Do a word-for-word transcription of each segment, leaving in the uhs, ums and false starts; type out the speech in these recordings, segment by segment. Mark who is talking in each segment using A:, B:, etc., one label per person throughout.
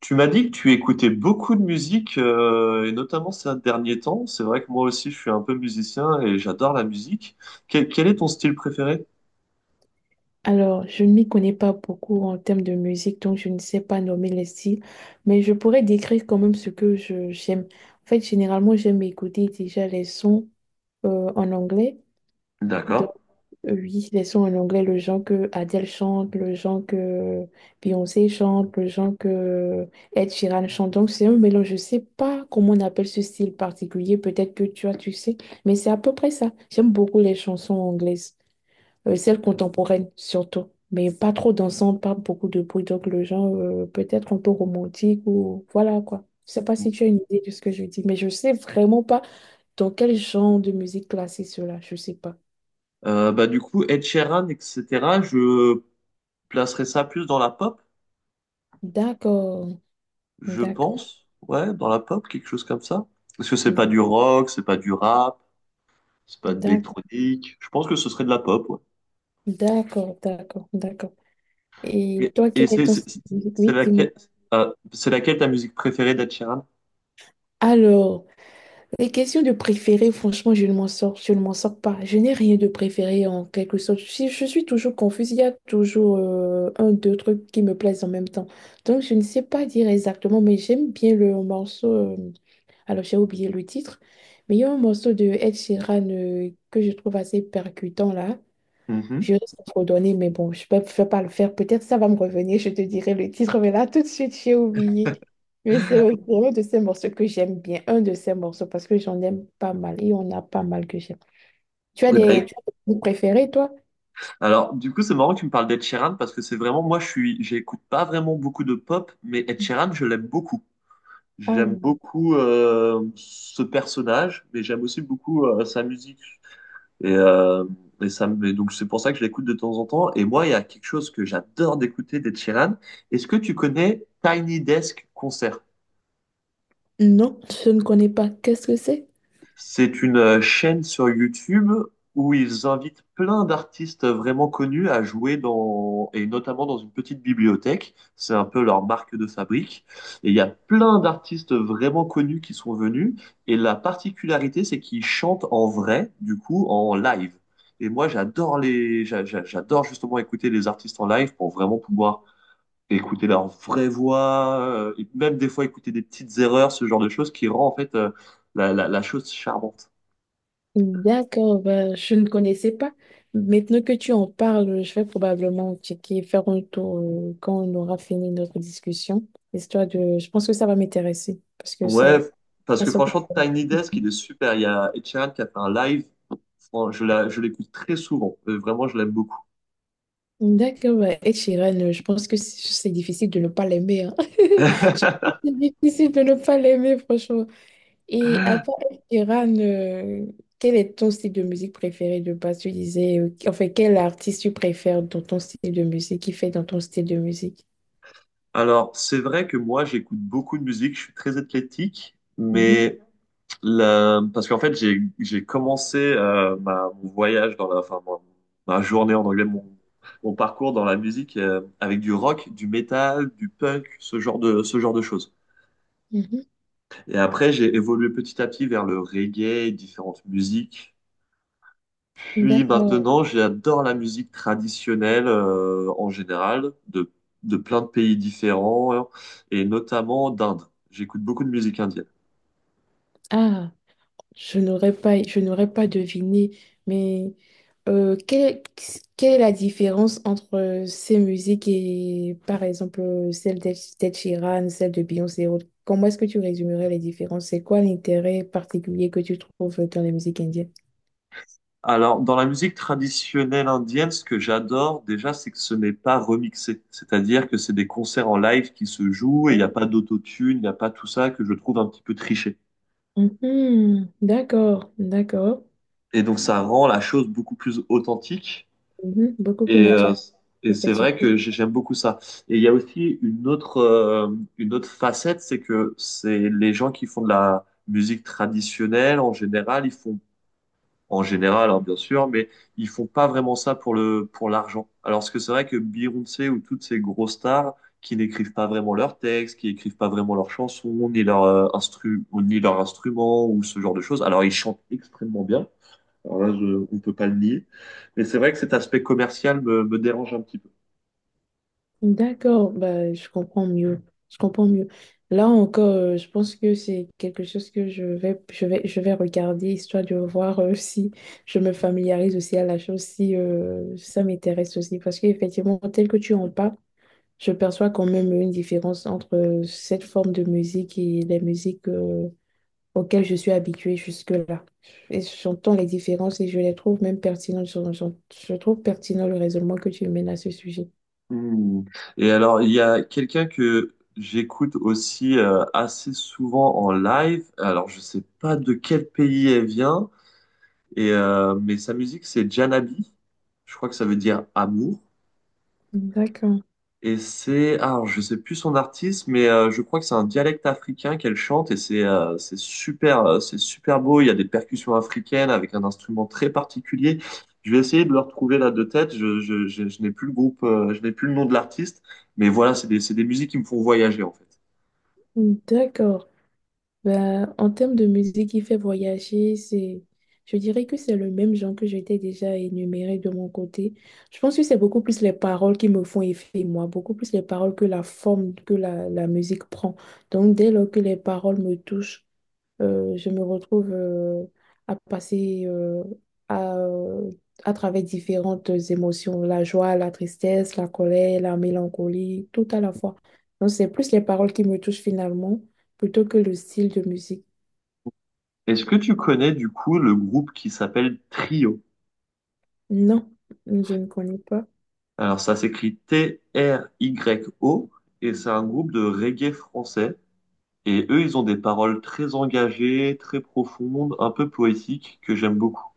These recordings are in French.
A: Tu m'as dit que tu écoutais beaucoup de musique, euh, et notamment ces derniers temps. C'est vrai que moi aussi, je suis un peu musicien et j'adore la musique. Quel, quel est ton style préféré?
B: Alors, je ne m'y connais pas beaucoup en termes de musique, donc je ne sais pas nommer les styles, mais je pourrais décrire quand même ce que je j'aime. En fait, généralement, j'aime écouter déjà les sons euh, en anglais. Donc,
A: D'accord.
B: euh, oui, les sons en anglais, le genre que Adele chante, le genre que Beyoncé chante, le genre que Ed Sheeran chante. Donc, c'est un mélange. Je ne sais pas comment on appelle ce style particulier. Peut-être que tu as, tu sais, mais c'est à peu près ça. J'aime beaucoup les chansons anglaises, euh, celle contemporaine surtout, mais pas trop dansante, pas beaucoup de bruit, donc le genre, euh, peut-être un peu romantique ou voilà quoi. Je sais pas si tu as une idée de ce que je dis, mais je sais vraiment pas dans quel genre de musique classer cela, je sais pas.
A: Euh, bah, du coup, Ed Sheeran, et cetera, je placerais ça plus dans la pop,
B: D'accord,
A: je
B: d'accord,
A: pense. Ouais, dans la pop, quelque chose comme ça. Parce que c'est pas
B: d'accord,
A: du rock, c'est pas du rap, c'est pas de
B: d'accord,
A: l'électronique. Je pense que ce serait de la pop, ouais.
B: d'accord, d'accord. D'accord. Et
A: Et,
B: toi,
A: et
B: quel est
A: c'est
B: ton style
A: c'est-
B: de musique?
A: c'est
B: Oui, dis-moi.
A: laquelle, euh, c'est laquelle ta musique préférée d'Ed Sheeran?
B: Alors, les questions de préféré, franchement, je ne m'en sors, je ne m'en sors pas. Je n'ai rien de préféré en quelque sorte. Si je suis toujours confuse, il y a toujours euh, un, deux trucs qui me plaisent en même temps. Donc, je ne sais pas dire exactement, mais j'aime bien le morceau. Euh, alors, j'ai oublié le titre, mais il y a un morceau de Ed Sheeran euh, que je trouve assez percutant là.
A: Mhm.
B: Je risque de trop donner, mais bon, je ne peux je peux pas le faire. Peut-être ça va me revenir, je te dirai le titre, mais là, tout de suite, j'ai oublié. Mais c'est un de ces morceaux que j'aime bien, un de ces morceaux, parce que j'en aime pas mal et on a pas mal que j'aime. Tu as
A: Eh
B: des,
A: ben,
B: tu as des groupes préférés, toi?
A: alors, du coup, c'est marrant que tu me parles d'Ed Sheeran parce que c'est vraiment, moi, je suis, j'écoute pas vraiment beaucoup de pop, mais Ed Sheeran, je l'aime beaucoup. J'aime
B: Ah,
A: beaucoup euh, ce personnage, mais j'aime aussi beaucoup euh, sa musique. Et, euh, et ça me, et Donc, c'est pour ça que je l'écoute de temps en temps. Et moi, il y a quelque chose que j'adore d'écouter d'Ed Sheeran. Est-ce que tu connais Tiny Desk Concert?
B: non, je ne connais pas. Qu'est-ce que c'est?
A: C'est une euh, chaîne sur YouTube où ils invitent plein d'artistes vraiment connus à jouer dans, et notamment dans une petite bibliothèque. C'est un peu leur marque de fabrique. Et il y a plein d'artistes vraiment connus qui sont venus. Et la particularité, c'est qu'ils chantent en vrai, du coup, en live. Et moi, j'adore les, j'a- j'a- j'adore justement écouter les artistes en live pour vraiment pouvoir écouter leur vraie voix, euh, et même des fois écouter des petites erreurs, ce genre de choses qui rend en fait euh, la, la la chose charmante.
B: D'accord, ben, je ne connaissais pas. Maintenant que tu en parles, je vais probablement checker, faire un tour, euh, quand on aura fini notre discussion, histoire de... Je pense que ça va m'intéresser, parce que
A: Ouais,
B: ça...
A: parce
B: Elles
A: que
B: sont plus
A: franchement, Tiny Desk, il est super. Il y a Ed Sheeran qui a fait un live. Fran- Je la, je l'écoute très souvent. Euh, Vraiment, je l'aime beaucoup.
B: d'accord, bah, Ed Sheeran, euh, je pense que c'est c'est difficile de ne pas l'aimer, hein. Je pense que c'est difficile de ne pas l'aimer, franchement. Et à part Ed Sheeran, euh, quel est ton style de musique préféré de base? Tu disais, euh, enfin, quel artiste tu préfères dans ton style de musique, qui fait dans ton style de musique?
A: Alors, c'est vrai que moi, j'écoute beaucoup de musique. Je suis très athlétique.
B: Mhm,
A: Mais la- parce qu'en fait, j'ai, j'ai commencé euh, ma, mon voyage dans la, enfin, mon- ma, journée en anglais, mon, mon parcours dans la musique euh, avec du rock, du métal, du punk, ce genre de, ce genre de choses.
B: mhm.
A: Et après, j'ai évolué petit à petit vers le reggae, différentes musiques. Puis
B: D'accord.
A: maintenant, j'adore la musique traditionnelle euh, en général, de, de plein de pays différents, hein, et notamment d'Inde. J'écoute beaucoup de musique indienne.
B: Ah. Je n'aurais pas, je n'aurais pas deviné, mais, euh, quelle, quelle est la différence entre euh, ces musiques et, par exemple, celle d'Ed d'Ed Sheeran, celle de Beyoncé et autres? Comment est-ce que tu résumerais les différences? C'est quoi l'intérêt particulier que tu trouves dans les musiques indiennes?
A: Alors, dans la musique traditionnelle indienne, ce que j'adore déjà, c'est que ce n'est pas remixé. C'est-à-dire que c'est des concerts en live qui se jouent et il n'y a pas d'autotune, il n'y a pas tout ça que je trouve un petit peu triché.
B: Mhm. D'accord, d'accord.
A: Et donc, ça rend la chose beaucoup plus authentique.
B: Mhm. Beaucoup plus
A: Et, euh,
B: naturel,
A: et c'est vrai
B: effectivement.
A: que j'ai- j'aime beaucoup ça. Et il y a aussi une autre, euh, une autre facette, c'est que c'est les gens qui font de la musique traditionnelle, en général, ils font, en général, hein, bien sûr, mais ils font pas vraiment ça pour le, pour l'argent. Alors ce que c'est vrai que Beyoncé ou toutes ces grosses stars qui n'écrivent pas vraiment leurs textes, qui écrivent pas vraiment leurs chansons, ni leurs euh, instru, ou ni leurs instruments, ou ce genre de choses. Alors ils chantent extrêmement bien. Alors là, je- on ne peut pas le nier. Mais c'est vrai que cet aspect commercial me, me dérange un petit peu.
B: D'accord, bah, je comprends mieux. Je comprends mieux. Là encore, euh, je pense que c'est quelque chose que je vais, je vais, je vais regarder, histoire de voir euh, si je me familiarise aussi à la chose, si euh, ça m'intéresse aussi. Parce qu'effectivement, tel que tu en parles, je perçois quand même une différence entre, euh, cette forme de musique et les musiques, euh, auxquelles je suis habituée jusque-là. Et j'entends les différences et je les trouve même pertinentes. Je, je je trouve pertinent le raisonnement que tu mènes à ce sujet.
A: Hmm. Et alors, il y a quelqu'un que j'écoute aussi euh, assez souvent en live. Alors, je sais pas de quel pays elle vient, et, euh, mais sa musique, c'est Janabi. Je crois que ça veut dire amour.
B: D'accord.
A: Et c'est, ah, alors, je sais plus son artiste, mais euh, je crois que c'est un dialecte africain qu'elle chante et c'est euh, c'est super, euh, c'est super beau. Il y a des percussions africaines avec un instrument très particulier. Je vais essayer de le retrouver là de tête. Je, je, je, je n'ai plus le groupe, euh, je n'ai plus le nom de l'artiste, mais voilà, c'est des, c'est des musiques qui me font voyager en fait.
B: D'accord. Ben, en termes de musique qui fait voyager, c'est, je dirais que c'est le même genre que j'étais déjà énuméré de mon côté. Je pense que c'est beaucoup plus les paroles qui me font effet, moi, beaucoup plus les paroles que la forme que la, la musique prend. Donc, dès lors que les paroles me touchent, euh, je me retrouve, euh, à passer, euh, à, euh, à travers différentes émotions, la joie, la tristesse, la colère, la mélancolie, tout à la fois. Donc, c'est plus les paroles qui me touchent finalement plutôt que le style de musique.
A: Est-ce que tu connais du coup le groupe qui s'appelle Trio?
B: Non, je ne connais pas.
A: Alors ça s'écrit T-R-Y-O et c'est un groupe de reggae français. Et eux, ils ont des paroles très engagées, très profondes, un peu poétiques, que j'aime beaucoup.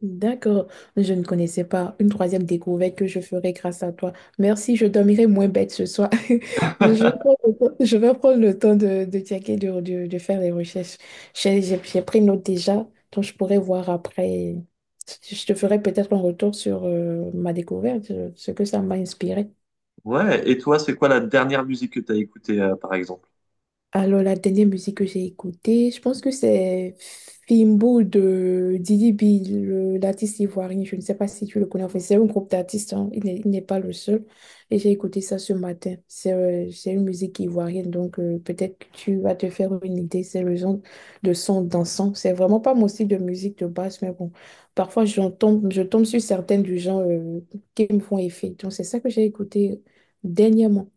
B: D'accord, je ne connaissais pas. Une troisième découverte que je ferai grâce à toi. Merci, je dormirai moins bête ce soir. Je vais prendre le temps, je vais prendre le temps de, de checker, de, de- de faire les recherches. J'ai j'ai- j'ai pris note déjà, donc je pourrai voir après. Je te ferai peut-être un retour sur, euh, ma découverte, euh, ce que ça m'a inspiré.
A: Ouais, et toi, c'est quoi la dernière musique que t'as écoutée, euh, par exemple?
B: Alors, la dernière musique que j'ai écoutée, je pense que c'est Fimbo de Didi B, le- l'artiste ivoirien. Je ne sais pas si tu le connais. Enfin, c'est un groupe d'artistes, hein. Il n'est il n'est pas le seul. Et j'ai écouté ça ce matin. C'est, euh, c'est une musique ivoirienne, donc, euh, peut-être que tu vas te faire une idée. C'est le genre de son dansant. C'est vraiment pas mon style de musique de base, mais bon, parfois j'en tombe, je tombe sur certaines du genre, euh, qui me font effet. Donc, c'est ça que j'ai écouté dernièrement.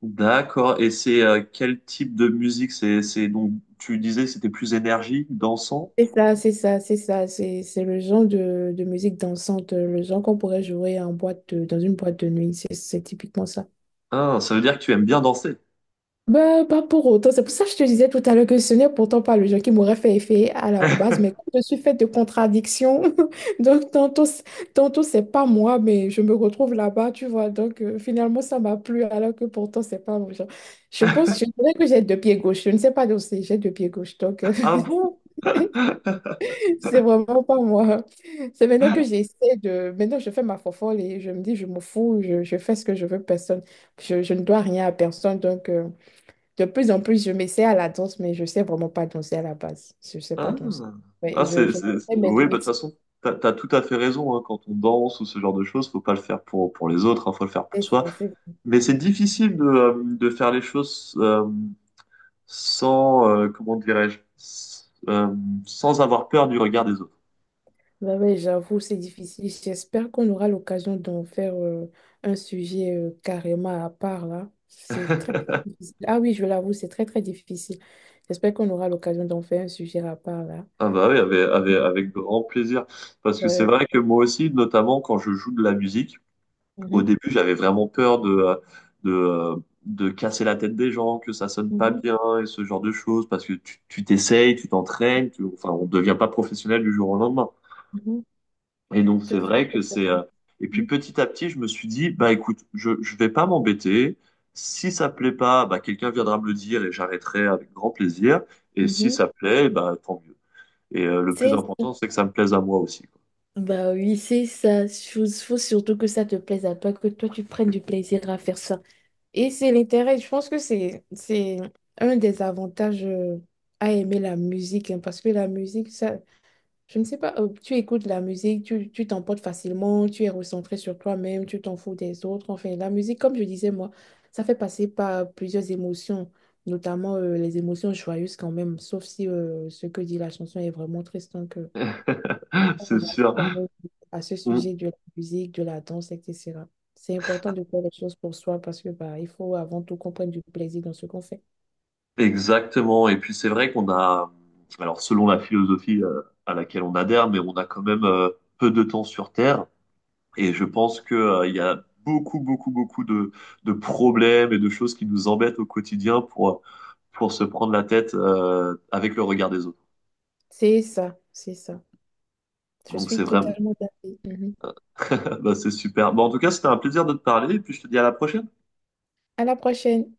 A: D'accord, et c'est euh, quel type de musique? C'est, c'est Donc, tu disais que c'était plus énergie, dansant?
B: C'est ça, c'est ça, c'est ça. C'est, c'est le genre de, de musique dansante, euh, le genre qu'on pourrait jouer en boîte de- dans une boîte de nuit. C'est c'est typiquement ça.
A: Ah, ça veut dire que tu aimes bien danser.
B: Bah, pas pour autant. C'est pour ça que je te disais tout à l'heure que ce n'est pourtant pas le genre qui m'aurait fait effet à la base. Mais comme je suis faite de contradictions, donc tantôt, c- tantôt c'est pas moi, mais je me retrouve là-bas, tu vois. Donc, euh, finalement, ça m'a plu, alors que pourtant, c'est pas mon genre. Je pense, je dirais que j'ai deux pieds gauche. Je ne sais pas danser, j'ai deux pieds gauche. Donc. euh,
A: Ah bon?
B: C'est vraiment pas moi. C'est maintenant que j'essaie de... Maintenant, je fais ma fofolle et je me dis, je me fous, je, je fais ce que je veux, personne. Je, je ne dois rien à personne. Donc, euh, de plus en plus, je m'essaie à la danse, mais je sais vraiment pas danser à la base. Je sais pas
A: Ah,
B: danser. Ouais,
A: Ah,
B: je,
A: c'est,
B: je
A: c'est- c'est-
B: connais mes
A: Oui, bah, de toute
B: limites.
A: façon, t'as, t'as tout à fait raison, hein. Quand on danse ou ce genre de choses, faut pas le faire pour, pour les autres, hein, faut le faire pour
B: C'est-
A: soi.
B: c'est- c'est-
A: Mais c'est difficile de, euh, de faire les choses. Euh, sans, euh, Comment dirais-je, s- euh, sans avoir peur du regard des autres.
B: Ouais, ouais, j'avoue, c'est difficile. J'espère qu'on aura l'occasion d'en faire, euh, un sujet, euh, carrément à part, là. C'est très, très difficile. Ah oui, je l'avoue, c'est très, très difficile. J'espère qu'on aura l'occasion d'en faire un sujet à part, là.
A: Ah bah oui, avec, avec, avec grand plaisir. Parce que c'est
B: euh,
A: vrai que moi aussi, notamment quand je joue de la musique, au
B: Mhm,
A: début, j'avais vraiment peur de, euh, de, euh, de casser la tête des gens, que ça sonne pas
B: mhm,
A: bien et ce genre de choses, parce que tu tu t'essayes, tu t'entraînes, tu- enfin, on devient pas professionnel du jour au lendemain.
B: mhm.
A: Et donc,
B: Je
A: c'est
B: suis
A: vrai que
B: tout à...
A: c'est. Euh, Et puis,
B: Mhm,
A: petit à petit, je me suis dit, bah écoute, je je vais pas m'embêter. Si ça plaît pas, bah quelqu'un viendra me le dire et j'arrêterai avec grand plaisir. Et si
B: mhm.
A: ça plaît, bah tant mieux. Et euh, le plus
B: C'est ça.
A: important, c'est que ça me plaise à moi aussi. Quoi.
B: Bah oui, c'est ça. Il faut surtout que ça te plaise à toi, que toi tu prennes du plaisir à faire ça. Et c'est l'intérêt. Je pense que c'est c'est un des avantages, euh, à aimer la musique, hein, parce que la musique, ça, je ne sais pas, euh, tu écoutes la musique, tu, tu t'emportes facilement, tu es recentré sur toi-même, tu t'en fous des autres. Enfin, la musique, comme je disais, moi, ça fait passer par plusieurs émotions, notamment, euh, les émotions joyeuses quand même, sauf si, euh, ce que dit la chanson est vraiment triste. Donc, euh, on
A: C'est
B: ramène
A: sûr.
B: quand même à ce
A: On-
B: sujet de la musique, de la danse, et cetera. C'est important de faire les choses pour soi parce que bah, il faut avant tout qu'on prenne du plaisir dans ce qu'on fait.
A: Exactement. Et puis, c'est vrai qu'on a. Alors, selon la philosophie euh, à laquelle on adhère, mais on a quand même euh, peu de temps sur Terre. Et je pense que, euh, il y a beaucoup, beaucoup, beaucoup de, de problèmes et de choses qui nous embêtent au quotidien pour, pour se prendre la tête, euh, avec le regard des autres.
B: C'est ça, c'est ça. Je
A: Donc c'est
B: suis
A: vraiment,
B: totalement d'accord.
A: bah, c'est super. Bon, en tout cas, c'était un plaisir de te parler et puis je te dis à la prochaine.
B: À la prochaine.